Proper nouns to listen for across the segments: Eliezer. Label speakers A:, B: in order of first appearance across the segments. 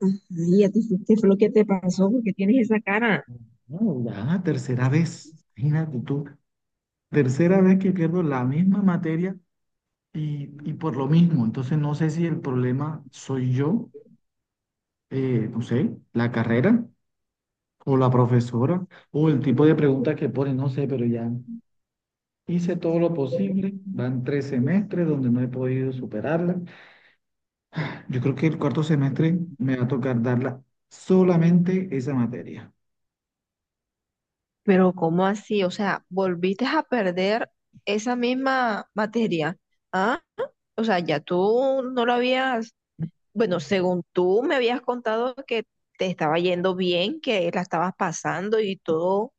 A: Ajá. ¿Y a ti qué fue lo que te pasó? ¿Porque tienes esa cara?
B: No, ya, tercera vez. Imagínate tú, tercera vez que pierdo la misma materia y por lo mismo. Entonces no sé si el problema soy yo, no sé, la carrera o la profesora o el tipo de preguntas que pone, no sé, pero ya hice todo lo posible. Van tres semestres donde no he podido superarla. Yo creo que el cuarto semestre me va a tocar darla, solamente esa materia.
A: Pero ¿cómo así? O sea, volviste a perder esa misma materia. ¿Ah? O sea, ya tú no lo habías, bueno, según tú me habías contado que te estaba yendo bien, que la estabas pasando y todo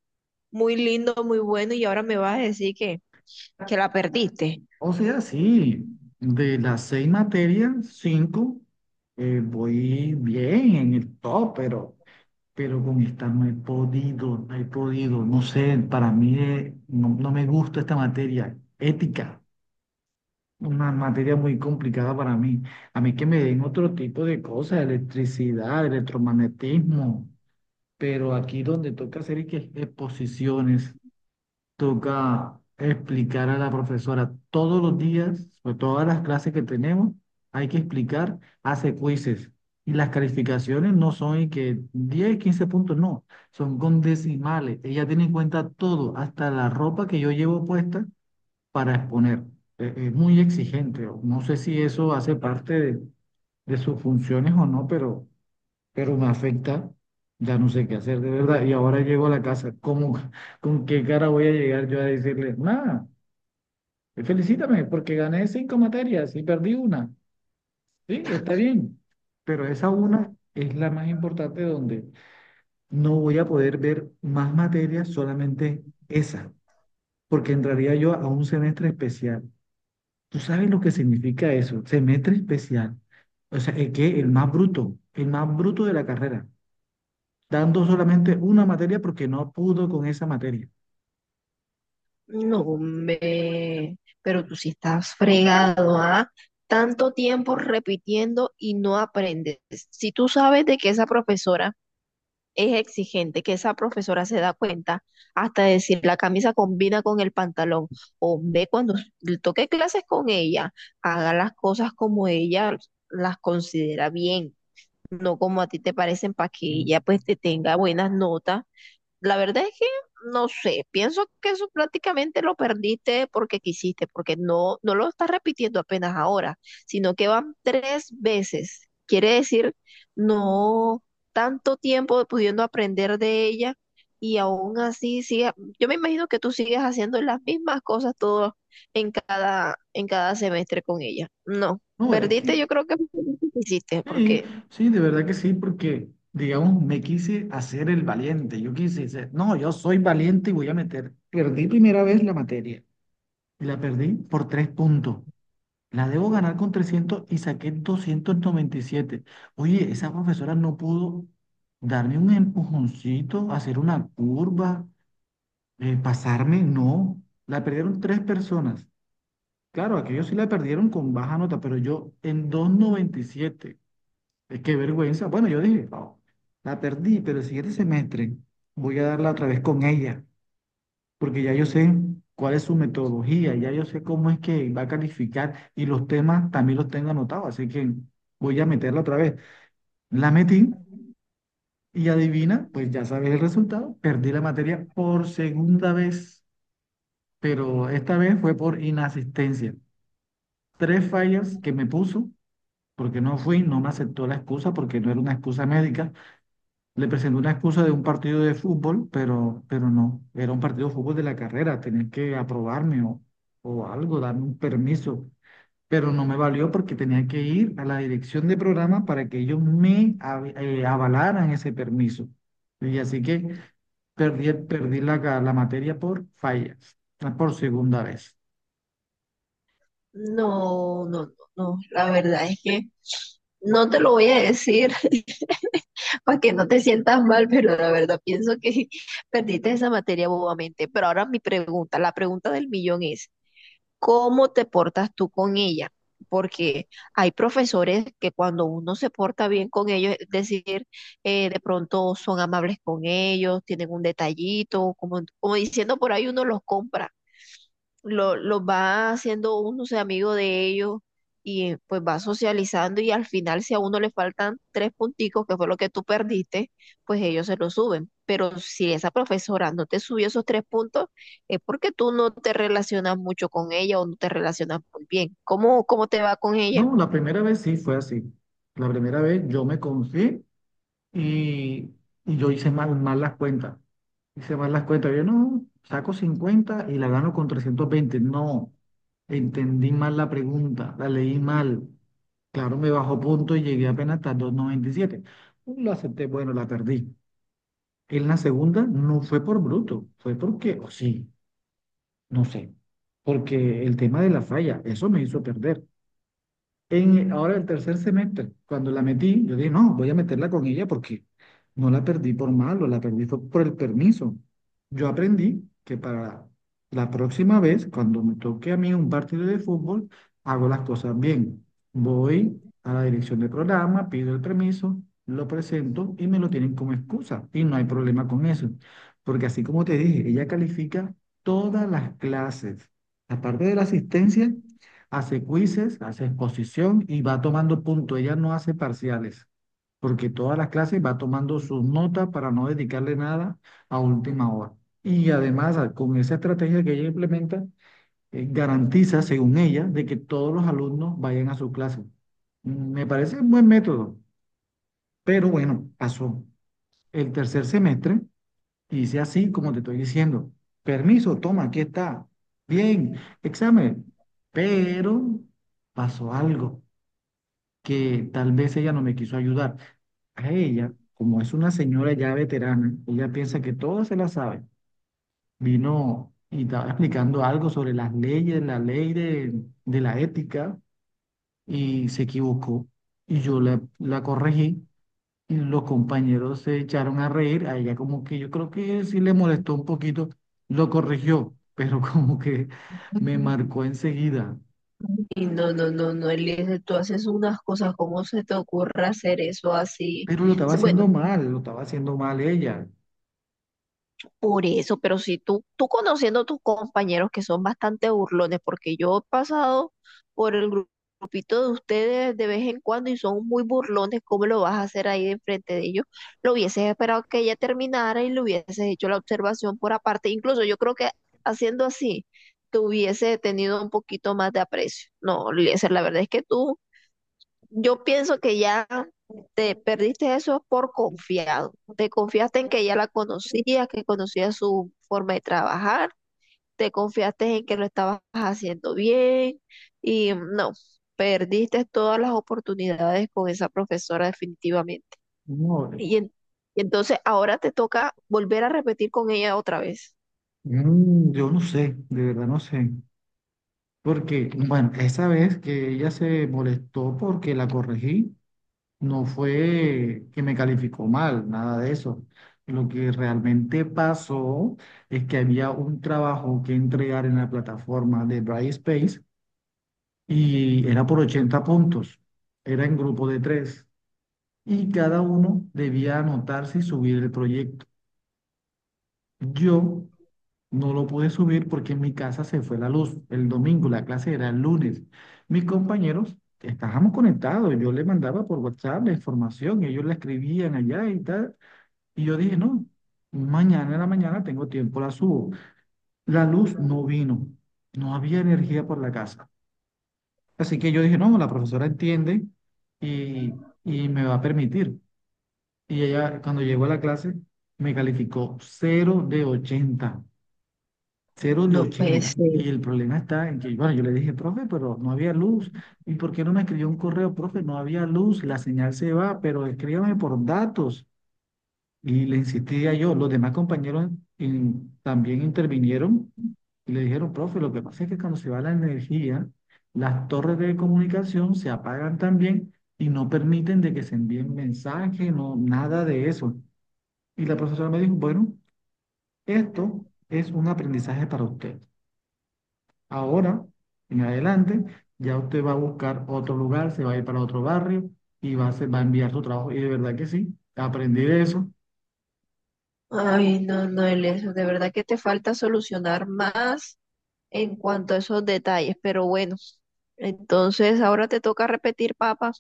A: muy lindo, muy bueno, y ahora me vas a decir que la perdiste.
B: O sea, sí, de las seis materias, cinco, voy bien en el top, pero con esta no he podido, no sé, para mí no, no me gusta esta materia, ética, una materia muy complicada para mí. A mí que me den otro tipo de cosas, electricidad, electromagnetismo, pero aquí donde toca hacer y que exposiciones, toca explicar a la profesora todos los días sobre todas las clases que tenemos, hay que explicar, hace quizzes. Y las calificaciones no son y que 10, 15 puntos, no, son con decimales. Ella tiene en cuenta todo, hasta la ropa que yo llevo puesta para exponer. Es muy exigente. No sé si eso hace parte de, sus funciones o no, pero me afecta, ya no sé qué hacer de verdad. Y ahora llego a la casa, ¿cómo, con qué cara voy a llegar yo a decirle, nada, felicítame porque gané cinco materias y perdí una? Sí, está bien, pero esa una es la más importante, donde no voy a poder ver más materias, solamente esa, porque entraría yo a un semestre especial. ¿Tú sabes lo que significa eso? Semestre especial. O sea, el que el más bruto de la carrera, dando solamente una materia porque no pudo con esa materia.
A: No, hombre, pero tú sí estás fregado, ¿ah? Tanto tiempo repitiendo y no aprendes. Si tú sabes de que esa profesora es exigente, que esa profesora se da cuenta hasta decir la camisa combina con el pantalón, hombre, cuando le toque clases con ella, haga las cosas como ella las considera bien, no como a ti te parecen, para que ella pues te tenga buenas notas. La verdad es que no sé, pienso que eso prácticamente lo perdiste porque quisiste, porque no lo estás repitiendo apenas ahora, sino que van tres veces. Quiere decir, no, tanto tiempo pudiendo aprender de ella y aún así sigue. Yo me imagino que tú sigues haciendo las mismas cosas todo en cada semestre con ella. No,
B: No, es
A: perdiste,
B: que
A: yo creo que perdiste,
B: sí,
A: porque
B: sí, de verdad que sí, porque, digamos, me quise hacer el valiente. Yo quise decir, no, yo soy valiente y voy a meter. Perdí primera vez la materia y la perdí por 3 puntos. La debo ganar con 300 y saqué 297. Oye, esa profesora no pudo darme un empujoncito, hacer una curva, pasarme, no. La perdieron tres personas. Claro, aquellos sí la perdieron con baja nota, pero yo en 2,97. Es que vergüenza. Bueno, yo dije: "No, la perdí, pero el siguiente semestre voy a darla otra vez con ella, porque ya yo sé cuál es su metodología, ya yo sé cómo es que va a calificar y los temas también los tengo anotados, así que voy a meterla otra vez". La metí y adivina, pues ya sabes el resultado, perdí la materia por segunda vez, pero esta vez fue por inasistencia. Tres fallas que me puso porque no fui, no me aceptó la excusa porque no era una excusa médica. Le presenté una excusa de un partido de fútbol, pero no, era un partido de fútbol de la carrera, tenía que aprobarme o algo, darme un permiso, pero no me valió porque tenía que ir a la dirección de programa para que ellos me avalaran ese permiso. Y así que perdí la materia por fallas, por segunda vez.
A: no, no, no, no. La verdad es que no te lo voy a decir para que no te sientas mal, pero la verdad pienso que perdiste esa materia bobamente. Pero ahora mi pregunta, la pregunta del millón es, ¿cómo te portas tú con ella? Porque hay profesores que cuando uno se porta bien con ellos, es decir, de pronto son amables con ellos, tienen un detallito, como diciendo por ahí uno los compra, los va haciendo uno se amigo de ellos y pues va socializando y al final si a uno le faltan tres punticos, que fue lo que tú perdiste, pues ellos se lo suben. Pero si esa profesora no te subió esos tres puntos, es porque tú no te relacionas mucho con ella o no te relacionas muy bien. Cómo te va con ella?
B: No, la primera vez sí fue así. La primera vez yo me confié. Y, y yo hice mal las cuentas. Hice mal las cuentas. Yo no, saco 50 y la gano con 320. No, entendí mal la pregunta, la leí mal. Claro, me bajó punto y llegué apenas hasta 297. Lo acepté, bueno, la perdí. En la segunda no fue por bruto, fue porque, o sí, no sé, porque el tema de la falla, eso me hizo perder. Ahora el tercer semestre, cuando la metí, yo dije, no, voy a meterla con ella porque no la perdí por malo, la perdí fue por el permiso. Yo aprendí que para la próxima vez, cuando me toque a mí un partido de fútbol, hago las cosas bien. Voy a la dirección del programa, pido el permiso, lo presento y me lo tienen como excusa. Y no hay problema con eso, porque así como te dije, ella califica todas las clases. Aparte de la asistencia, hace quizzes, hace exposición y va tomando puntos. Ella no hace parciales, porque todas las clases va tomando sus notas para no dedicarle nada a última hora. Y además, con esa estrategia que ella implementa, garantiza, según ella, de que todos los alumnos vayan a su clase. Mm, me parece un buen método, pero bueno, pasó el tercer semestre y hice así como te estoy diciendo. Permiso, toma, aquí está. Bien, examen. Pero pasó algo que tal vez ella no me quiso ayudar. A ella, como es una señora ya veterana, ella piensa que todo se la sabe. Vino y estaba explicando algo sobre las leyes, la ley de, la ética, y se equivocó. Y yo la corregí y los compañeros se echaron a reír. A ella como que yo creo que sí le molestó un poquito, lo corrigió, pero como que me marcó enseguida.
A: Y no, no, no, no, Eliezer, tú haces unas cosas, ¿cómo se te ocurre hacer eso así?
B: Pero lo estaba
A: Sí, bueno,
B: haciendo mal, lo estaba haciendo mal ella.
A: por eso, pero si tú conociendo a tus compañeros que son bastante burlones, porque yo he pasado por el gru- grupito de ustedes de vez en cuando y son muy burlones, ¿cómo lo vas a hacer ahí de frente de ellos? Lo hubieses esperado que ella terminara y le hubieses hecho la observación por aparte. Incluso yo creo que haciendo así, te hubiese tenido un poquito más de aprecio. No, Eliezer, la verdad es que tú, yo pienso que ya te perdiste eso por confiado. Te confiaste en que ya la conocías, que conocías su forma de trabajar, te confiaste en que lo estabas haciendo bien y no, perdiste todas las oportunidades con esa profesora definitivamente.
B: No.
A: Y, en- y entonces ahora te toca volver a repetir con ella otra vez.
B: Yo no sé, de verdad no sé. Porque, bueno, esa vez que ella se molestó porque la corregí, no fue que me calificó mal, nada de eso. Lo que realmente pasó es que había un trabajo que entregar en la plataforma de Brightspace y era por 80 puntos. Era en grupo de tres y cada uno debía anotarse y subir el proyecto. Yo no lo pude subir porque en mi casa se fue la luz el domingo, la clase era el lunes. Mis compañeros estábamos conectados, yo les mandaba por WhatsApp la información, ellos la escribían allá y tal. Y yo dije, no, mañana en la mañana tengo tiempo, la subo. La luz no vino, no había energía por la casa. Así que yo dije, no, la profesora entiende y, y me va a permitir. Y ella, cuando llegó a la clase, me calificó 0 de 80. Cero de
A: No puede
B: ochenta
A: ser.
B: Y el problema está en que, bueno, yo le dije, profe, pero no había luz. ¿Y por qué no me escribió un correo, profe? No había luz, la señal se va, pero escríbame por datos. Y le insistía yo. Los demás compañeros también intervinieron y le dijeron, profe, lo que pasa es que cuando se va la energía, las torres de comunicación se apagan también y no permiten de que se envíen mensajes, no, nada de eso. Y la profesora me dijo, bueno, esto es un aprendizaje para usted. Ahora, en adelante, ya usted va a buscar otro lugar, se va a ir para otro barrio y va a, va a enviar su trabajo. Y de verdad que sí, aprendí de eso.
A: Ay, no, no, Elias, de verdad que te falta solucionar más en cuanto a esos detalles, pero bueno, entonces ahora te toca repetir, papá,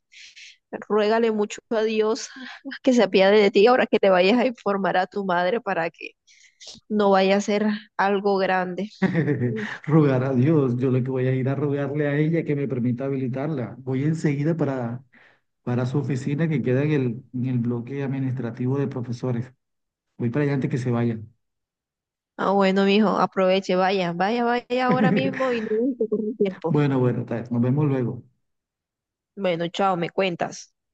A: ruégale mucho a Dios que se apiade de ti ahora que te vayas a informar a tu madre para que no vaya a ser algo grande. Mm.
B: Rogar a Dios, yo lo que voy a ir a rogarle a ella que me permita habilitarla. Voy enseguida para su oficina que queda en el bloque administrativo de profesores. Voy para allá antes que se vayan.
A: Ah, bueno, mijo, aproveche, vaya, vaya, vaya ahora mismo y no se corre el tiempo.
B: Bueno, bueno, tal, nos vemos luego.
A: Bueno, chao, me cuentas.